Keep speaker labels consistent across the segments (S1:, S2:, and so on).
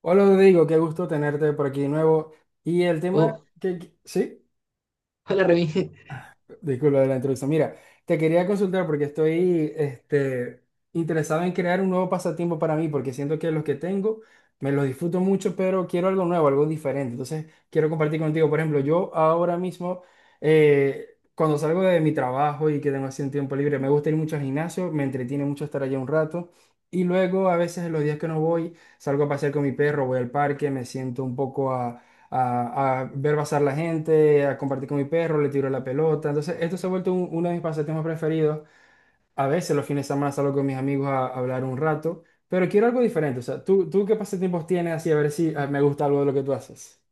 S1: Hola Rodrigo, qué gusto tenerte por aquí de nuevo. Y el tema
S2: Oh,
S1: que, que- sí,
S2: hola Remy.
S1: disculpa de la introducción. Mira, te quería consultar porque estoy interesado en crear un nuevo pasatiempo para mí, porque siento que los que tengo me los disfruto mucho, pero quiero algo nuevo, algo diferente. Entonces, quiero compartir contigo. Por ejemplo, yo ahora mismo, cuando salgo de mi trabajo y que tengo así un tiempo libre, me gusta ir mucho al gimnasio, me entretiene mucho estar allá un rato. Y luego, a veces, en los días que no voy, salgo a pasear con mi perro, voy al parque, me siento un poco a ver pasar la gente, a compartir con mi perro, le tiro la pelota. Entonces, esto se ha vuelto uno de mis pasatiempos preferidos. A veces los fines de semana salgo con mis amigos a hablar un rato, pero quiero algo diferente. O sea, ¿tú qué pasatiempos tienes así? A ver si me gusta algo de lo que tú haces.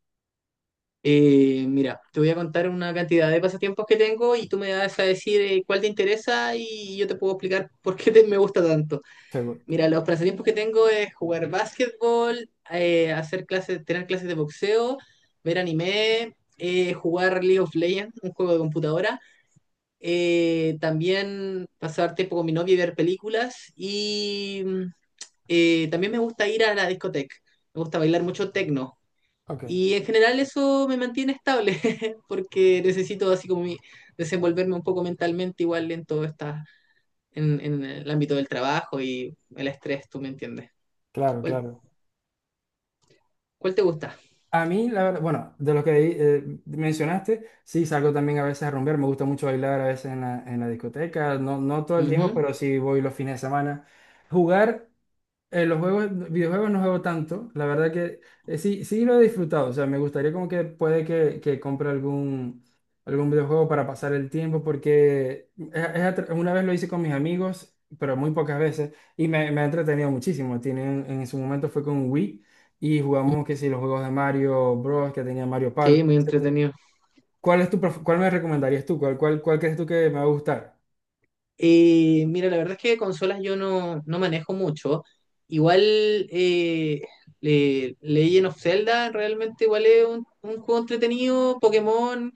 S2: Mira, te voy a contar una cantidad de pasatiempos que tengo y tú me vas a decir cuál te interesa y yo te puedo explicar me gusta tanto.
S1: Seguro.
S2: Mira, los pasatiempos que tengo es jugar básquetbol, hacer clases, tener clases de boxeo, ver anime, jugar League of Legends, un juego de computadora, también pasar tiempo con mi novia y ver películas y también me gusta ir a la discoteca. Me gusta bailar mucho techno.
S1: Ok,
S2: Y en general eso me mantiene estable, porque necesito así desenvolverme un poco mentalmente igual en todo esta, en el ámbito del trabajo y el estrés, tú me entiendes.
S1: claro,
S2: ¿Cuál,
S1: claro.
S2: cuál te gusta?
S1: A mí, la verdad, bueno, de lo que mencionaste, sí, salgo también a veces a rumbear, me gusta mucho bailar a veces en la discoteca, no, no todo el tiempo,
S2: Ujú.
S1: pero sí voy los fines de semana. Jugar. Los juegos, videojuegos no juego tanto, la verdad que sí, sí lo he disfrutado, o sea, me gustaría como que puede que compre algún, algún videojuego para pasar el tiempo, porque una vez lo hice con mis amigos, pero muy pocas veces, y me ha entretenido muchísimo. Tienen, en su momento fue con Wii y jugamos que si los juegos de Mario Bros, que tenía Mario
S2: Sí,
S1: Party,
S2: muy
S1: etcétera.
S2: entretenido.
S1: ¿Cuál es tu, cuál me recomendarías tú? ¿Cuál crees tú que me va a gustar?
S2: Mira, la verdad es que consolas yo no manejo mucho. Igual eh, Legend of Zelda realmente igual es un juego entretenido. Pokémon,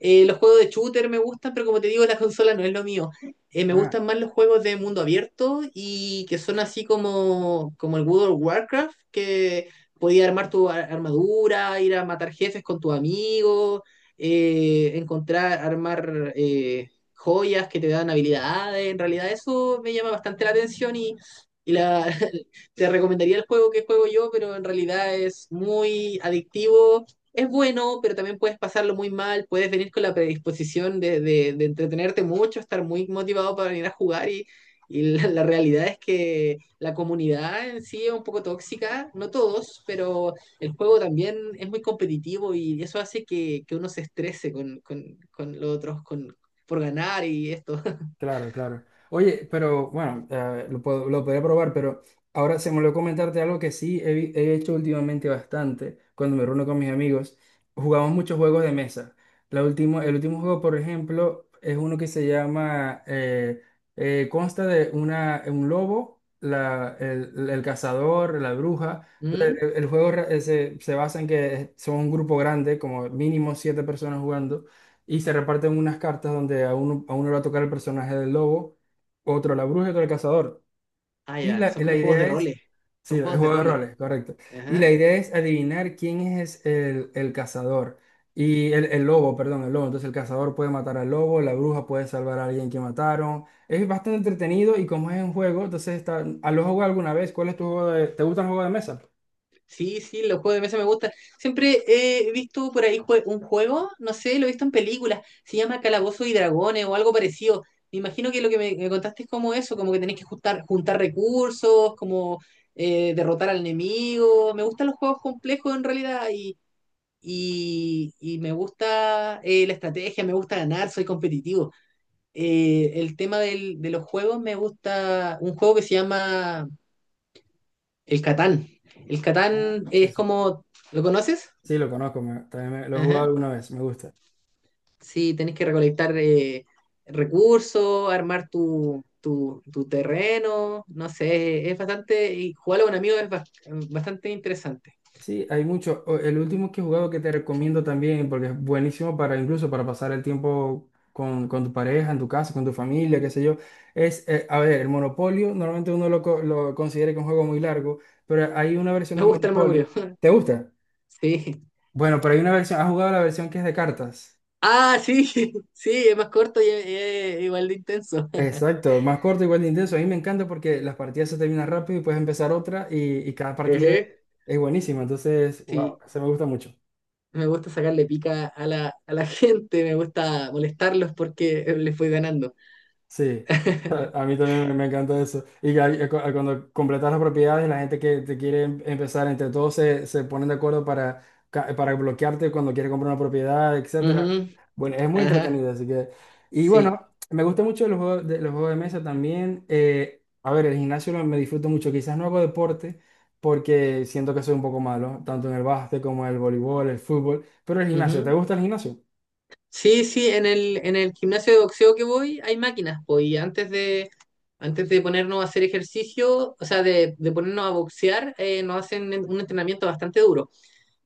S2: los juegos de shooter me gustan, pero como te digo, la consola no es lo mío. Me gustan más los juegos de mundo abierto y que son así como, como el World of Warcraft, que podías armar armadura, ir a matar jefes con tu amigo, encontrar, joyas, que te dan habilidades. En realidad eso me llama bastante la atención y te recomendaría el juego que juego yo, pero en realidad es muy adictivo. Es bueno, pero también puedes pasarlo muy mal, puedes venir con la predisposición de entretenerte mucho, estar muy motivado para venir a jugar y la realidad es que la comunidad en sí es un poco tóxica, no todos, pero el juego también es muy competitivo y eso hace que uno se estrese con, con los otros, por ganar y esto.
S1: Claro, claro. Oye, pero bueno, lo podría probar, pero ahora se me olvidó comentarte algo que he hecho últimamente bastante cuando me reúno con mis amigos. Jugamos muchos juegos de mesa. El último juego, por ejemplo, es uno que se llama, consta de un lobo, el cazador, la bruja. El,
S2: ¿Mm?
S1: el juego re- eh, se, se basa en que son un grupo grande, como mínimo siete personas jugando, y se reparten unas cartas donde a uno le va a tocar el personaje del lobo, otro la bruja y otro el cazador.
S2: Ah,
S1: Y
S2: ya,
S1: la,
S2: son
S1: la
S2: como juegos de
S1: idea es,
S2: roles.
S1: sí,
S2: Son
S1: el
S2: juegos de
S1: juego de
S2: roles.
S1: roles, correcto. Y la
S2: Ajá.
S1: idea es adivinar quién es el cazador. Y el lobo. Entonces el cazador puede matar al lobo, la bruja puede salvar a alguien que mataron. Es bastante entretenido y como es un juego, entonces está, ¿a lo jugado alguna vez? ¿Cuál es tu juego de, ¿te gusta el juego de mesa?
S2: Sí, sí, los juegos de mesa me gustan. Siempre he visto por ahí un juego, no sé, lo he visto en películas, se llama Calabozos y Dragones o algo parecido. Me imagino que lo que me contaste es como eso, como que tenés que juntar, juntar recursos, como derrotar al enemigo. Me gustan los juegos complejos en realidad y me gusta la estrategia, me gusta ganar, soy competitivo. El tema de los juegos, me gusta un juego que se llama El Catán. El
S1: Ah,
S2: Catán
S1: sí,
S2: es
S1: sí.
S2: como, ¿lo conoces?
S1: Sí, lo conozco, lo he jugado
S2: Ajá.
S1: alguna vez, me gusta.
S2: Sí, tenés que recolectar recursos, armar tu terreno, no sé, es bastante, y jugarlo con amigos es bastante interesante.
S1: Sí, hay mucho. El último que he jugado que te recomiendo también, porque es buenísimo para incluso para pasar el tiempo con tu pareja, en tu casa, con tu familia, qué sé yo, es, a ver, el Monopolio, normalmente lo considera que es un juego muy largo, pero hay una versión
S2: Me
S1: de
S2: gusta el Monopoly,
S1: Monopolio. ¿Te gusta?
S2: sí.
S1: Bueno, pero hay una versión, ¿has jugado la versión que es de cartas?
S2: Ah, sí, sí, es más corto y es igual de intenso.
S1: Exacto, más corto, igual de intenso. A mí me encanta porque las partidas se terminan rápido y puedes empezar otra, y cada
S2: Ejé.
S1: partida es buenísima. Entonces, wow,
S2: Sí,
S1: se me gusta mucho.
S2: me gusta sacarle pica a la gente, me gusta molestarlos porque les voy ganando.
S1: Sí, a mí también me encanta eso. Y que cuando completas las propiedades, la gente que te quiere empezar, entre todos se ponen de acuerdo para, para bloquearte cuando quiere comprar una propiedad, etcétera.
S2: Ujú.
S1: Bueno, es muy
S2: Ajá,
S1: entretenido, así que... Y
S2: sí.
S1: bueno, me gusta mucho los juegos de mesa también. A ver, me disfruto mucho. Quizás no hago deporte porque siento que soy un poco malo, tanto en el básquet como en el voleibol, el fútbol. Pero el gimnasio, ¿te
S2: Ujú.
S1: gusta el gimnasio?
S2: Sí, sí, en el gimnasio de boxeo que voy hay máquinas, pues, y antes de ponernos a hacer ejercicio, o sea, de ponernos a boxear, nos hacen un entrenamiento bastante duro.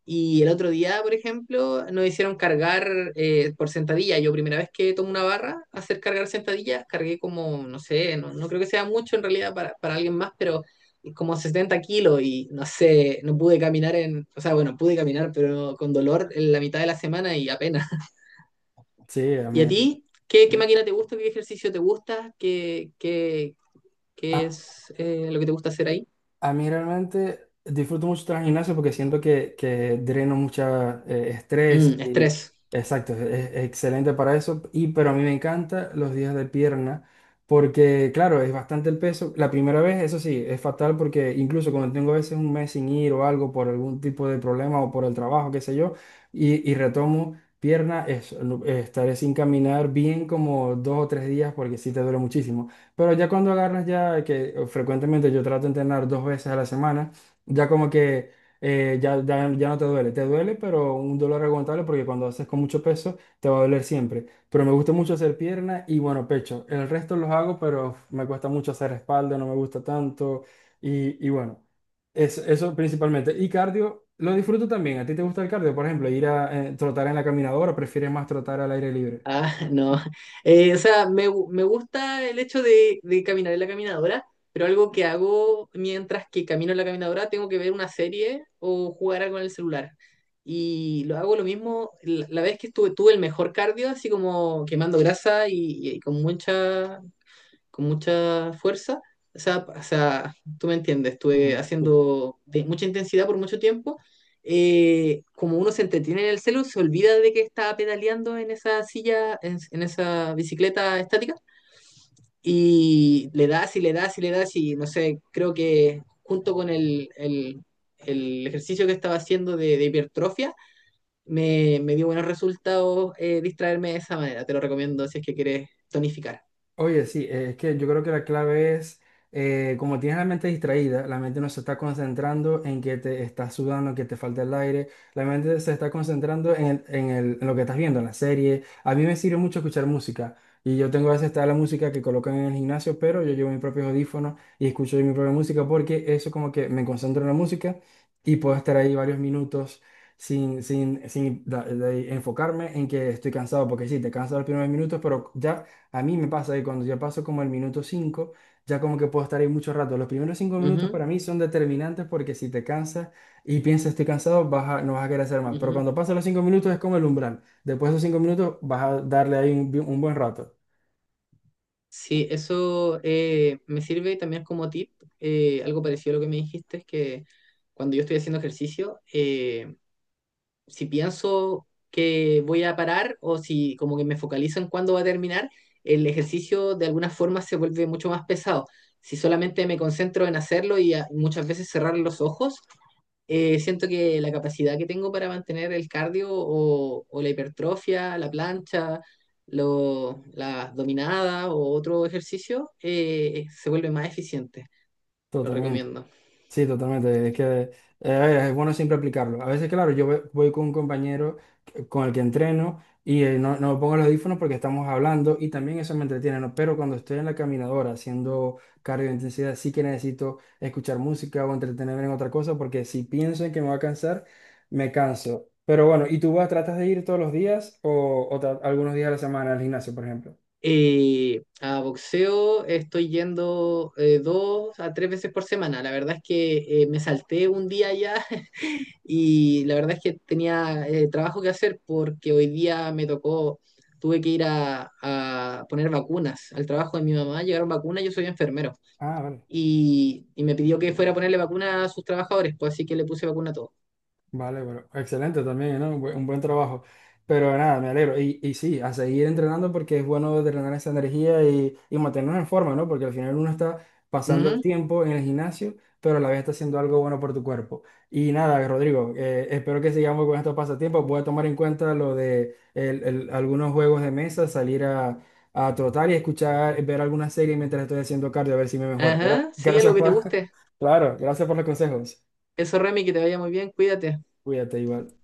S2: Y el otro día, por ejemplo, nos hicieron cargar por sentadilla. Yo primera vez que tomo una barra, hacer cargar sentadilla, cargué como, no sé, no creo que sea mucho en realidad para alguien más, pero como 70 kilos y no sé, no pude caminar en, o sea, bueno, pude caminar, pero con dolor en la mitad de la semana y apenas.
S1: Sí, a
S2: ¿Y
S1: mí.
S2: a ti? ¿Qué, qué máquina te gusta? ¿Qué ejercicio te gusta? ¿Qué es lo que te gusta hacer ahí?
S1: A mí realmente disfruto mucho tras gimnasio porque siento que dreno mucha estrés
S2: Mm,
S1: y
S2: estrés.
S1: exacto, es excelente para eso. Y pero a mí me encanta los días de pierna porque claro, es bastante el peso. La primera vez, eso sí, es fatal porque incluso cuando tengo a veces un mes sin ir o algo por algún tipo de problema o por el trabajo, qué sé yo, y retomo pierna, estaré sin caminar bien como dos o tres días porque sí te duele muchísimo. Pero ya cuando agarras ya, que frecuentemente yo trato de entrenar dos veces a la semana, ya como que ya no te duele. Te duele, pero un dolor aguantable porque cuando haces con mucho peso te va a doler siempre. Pero me gusta mucho hacer pierna y bueno, pecho. El resto los hago, pero me cuesta mucho hacer espalda, no me gusta tanto. Y bueno, eso principalmente. Y cardio, lo disfruto también. ¿A ti te gusta el cardio? Por ejemplo, ir a trotar en la caminadora, ¿prefieres más trotar al aire libre?
S2: Ah, no. O sea, me gusta el hecho de caminar en la caminadora, pero algo que hago mientras que camino en la caminadora, tengo que ver una serie o jugar algo en el celular. Y lo hago lo mismo, la vez que estuve, tuve el mejor cardio, así como quemando grasa y con mucha fuerza. O sea, tú me entiendes, estuve
S1: Ujú, sí.
S2: haciendo de mucha intensidad por mucho tiempo. Como uno se entretiene en el celu, se olvida de que está pedaleando en esa silla, en esa bicicleta estática, y le das y le das y le das y no sé, creo que junto con el ejercicio que estaba haciendo de hipertrofia, me dio buenos resultados distraerme de esa manera. Te lo recomiendo si es que quieres tonificar.
S1: Oye, sí, es que yo creo que la clave es como tienes la mente distraída, la mente no se está concentrando en que te estás sudando, que te falta el aire, la mente se está concentrando en lo que estás viendo, en la serie. A mí me sirve mucho escuchar música, y yo tengo a veces está la música que colocan en el gimnasio, pero yo llevo mis propios audífonos y escucho mi propia música porque eso como que me concentro en la música y puedo estar ahí varios minutos, sin de enfocarme en que estoy cansado, porque sí, te cansas los primeros minutos, pero ya a mí me pasa que cuando ya paso como el minuto 5, ya como que puedo estar ahí mucho rato. Los primeros 5 minutos
S2: Ujú,
S1: para mí son determinantes porque si te cansas y piensas estoy cansado, no vas a querer hacer más. Pero
S2: ujú.
S1: cuando pasan los 5 minutos es como el umbral. Después de esos 5 minutos vas a darle ahí un buen rato.
S2: Sí, eso me sirve también como tip, algo parecido a lo que me dijiste, es que cuando yo estoy haciendo ejercicio, si pienso que voy a parar o si como que me focalizo en cuándo va a terminar, el ejercicio de alguna forma se vuelve mucho más pesado. Si solamente me concentro en hacerlo y muchas veces cerrar los ojos, siento que la capacidad que tengo para mantener el cardio o la hipertrofia, la plancha, la dominada o otro ejercicio se vuelve más eficiente. Lo
S1: Totalmente.
S2: recomiendo.
S1: Sí, totalmente. Es que es bueno siempre aplicarlo. A veces, claro, voy con un compañero con el que entreno y no pongo los audífonos porque estamos hablando y también eso me entretiene, ¿no? Pero cuando estoy en la caminadora haciendo cardio de intensidad, sí que necesito escuchar música o entretenerme en otra cosa porque si pienso en que me va a cansar, me canso. Pero bueno, ¿y tú vas, tratas de ir todos los días o algunos días a la semana al gimnasio, por ejemplo?
S2: A boxeo estoy yendo 2 a 3 veces por semana. La verdad es que me salté un día ya. Y la verdad es que tenía trabajo que hacer porque hoy día me tocó, tuve que ir a poner vacunas al trabajo de mi mamá, llegaron vacunas, yo soy enfermero.
S1: Ah, vale.
S2: Y me pidió que fuera a ponerle vacunas a sus trabajadores, pues así que le puse vacuna a todos.
S1: Vale, bueno, excelente también, ¿no? Un buen trabajo. Pero nada, me alegro. Y sí, a seguir entrenando porque es bueno drenar esa energía y mantenernos en forma, ¿no? Porque al final uno está pasando el
S2: Ujú.
S1: tiempo en el gimnasio, pero a la vez está haciendo algo bueno por tu cuerpo. Y nada, Rodrigo, espero que sigamos con estos pasatiempos. Voy a tomar en cuenta lo de algunos juegos de mesa, salir a trotar y escuchar, ver alguna serie mientras estoy haciendo cardio, a ver si me mejora.
S2: Ajá, sí, algo
S1: Gracias
S2: que te
S1: por,
S2: guste.
S1: claro, gracias por los consejos.
S2: Eso, Remy, que te vaya muy bien, cuídate.
S1: Cuídate igual.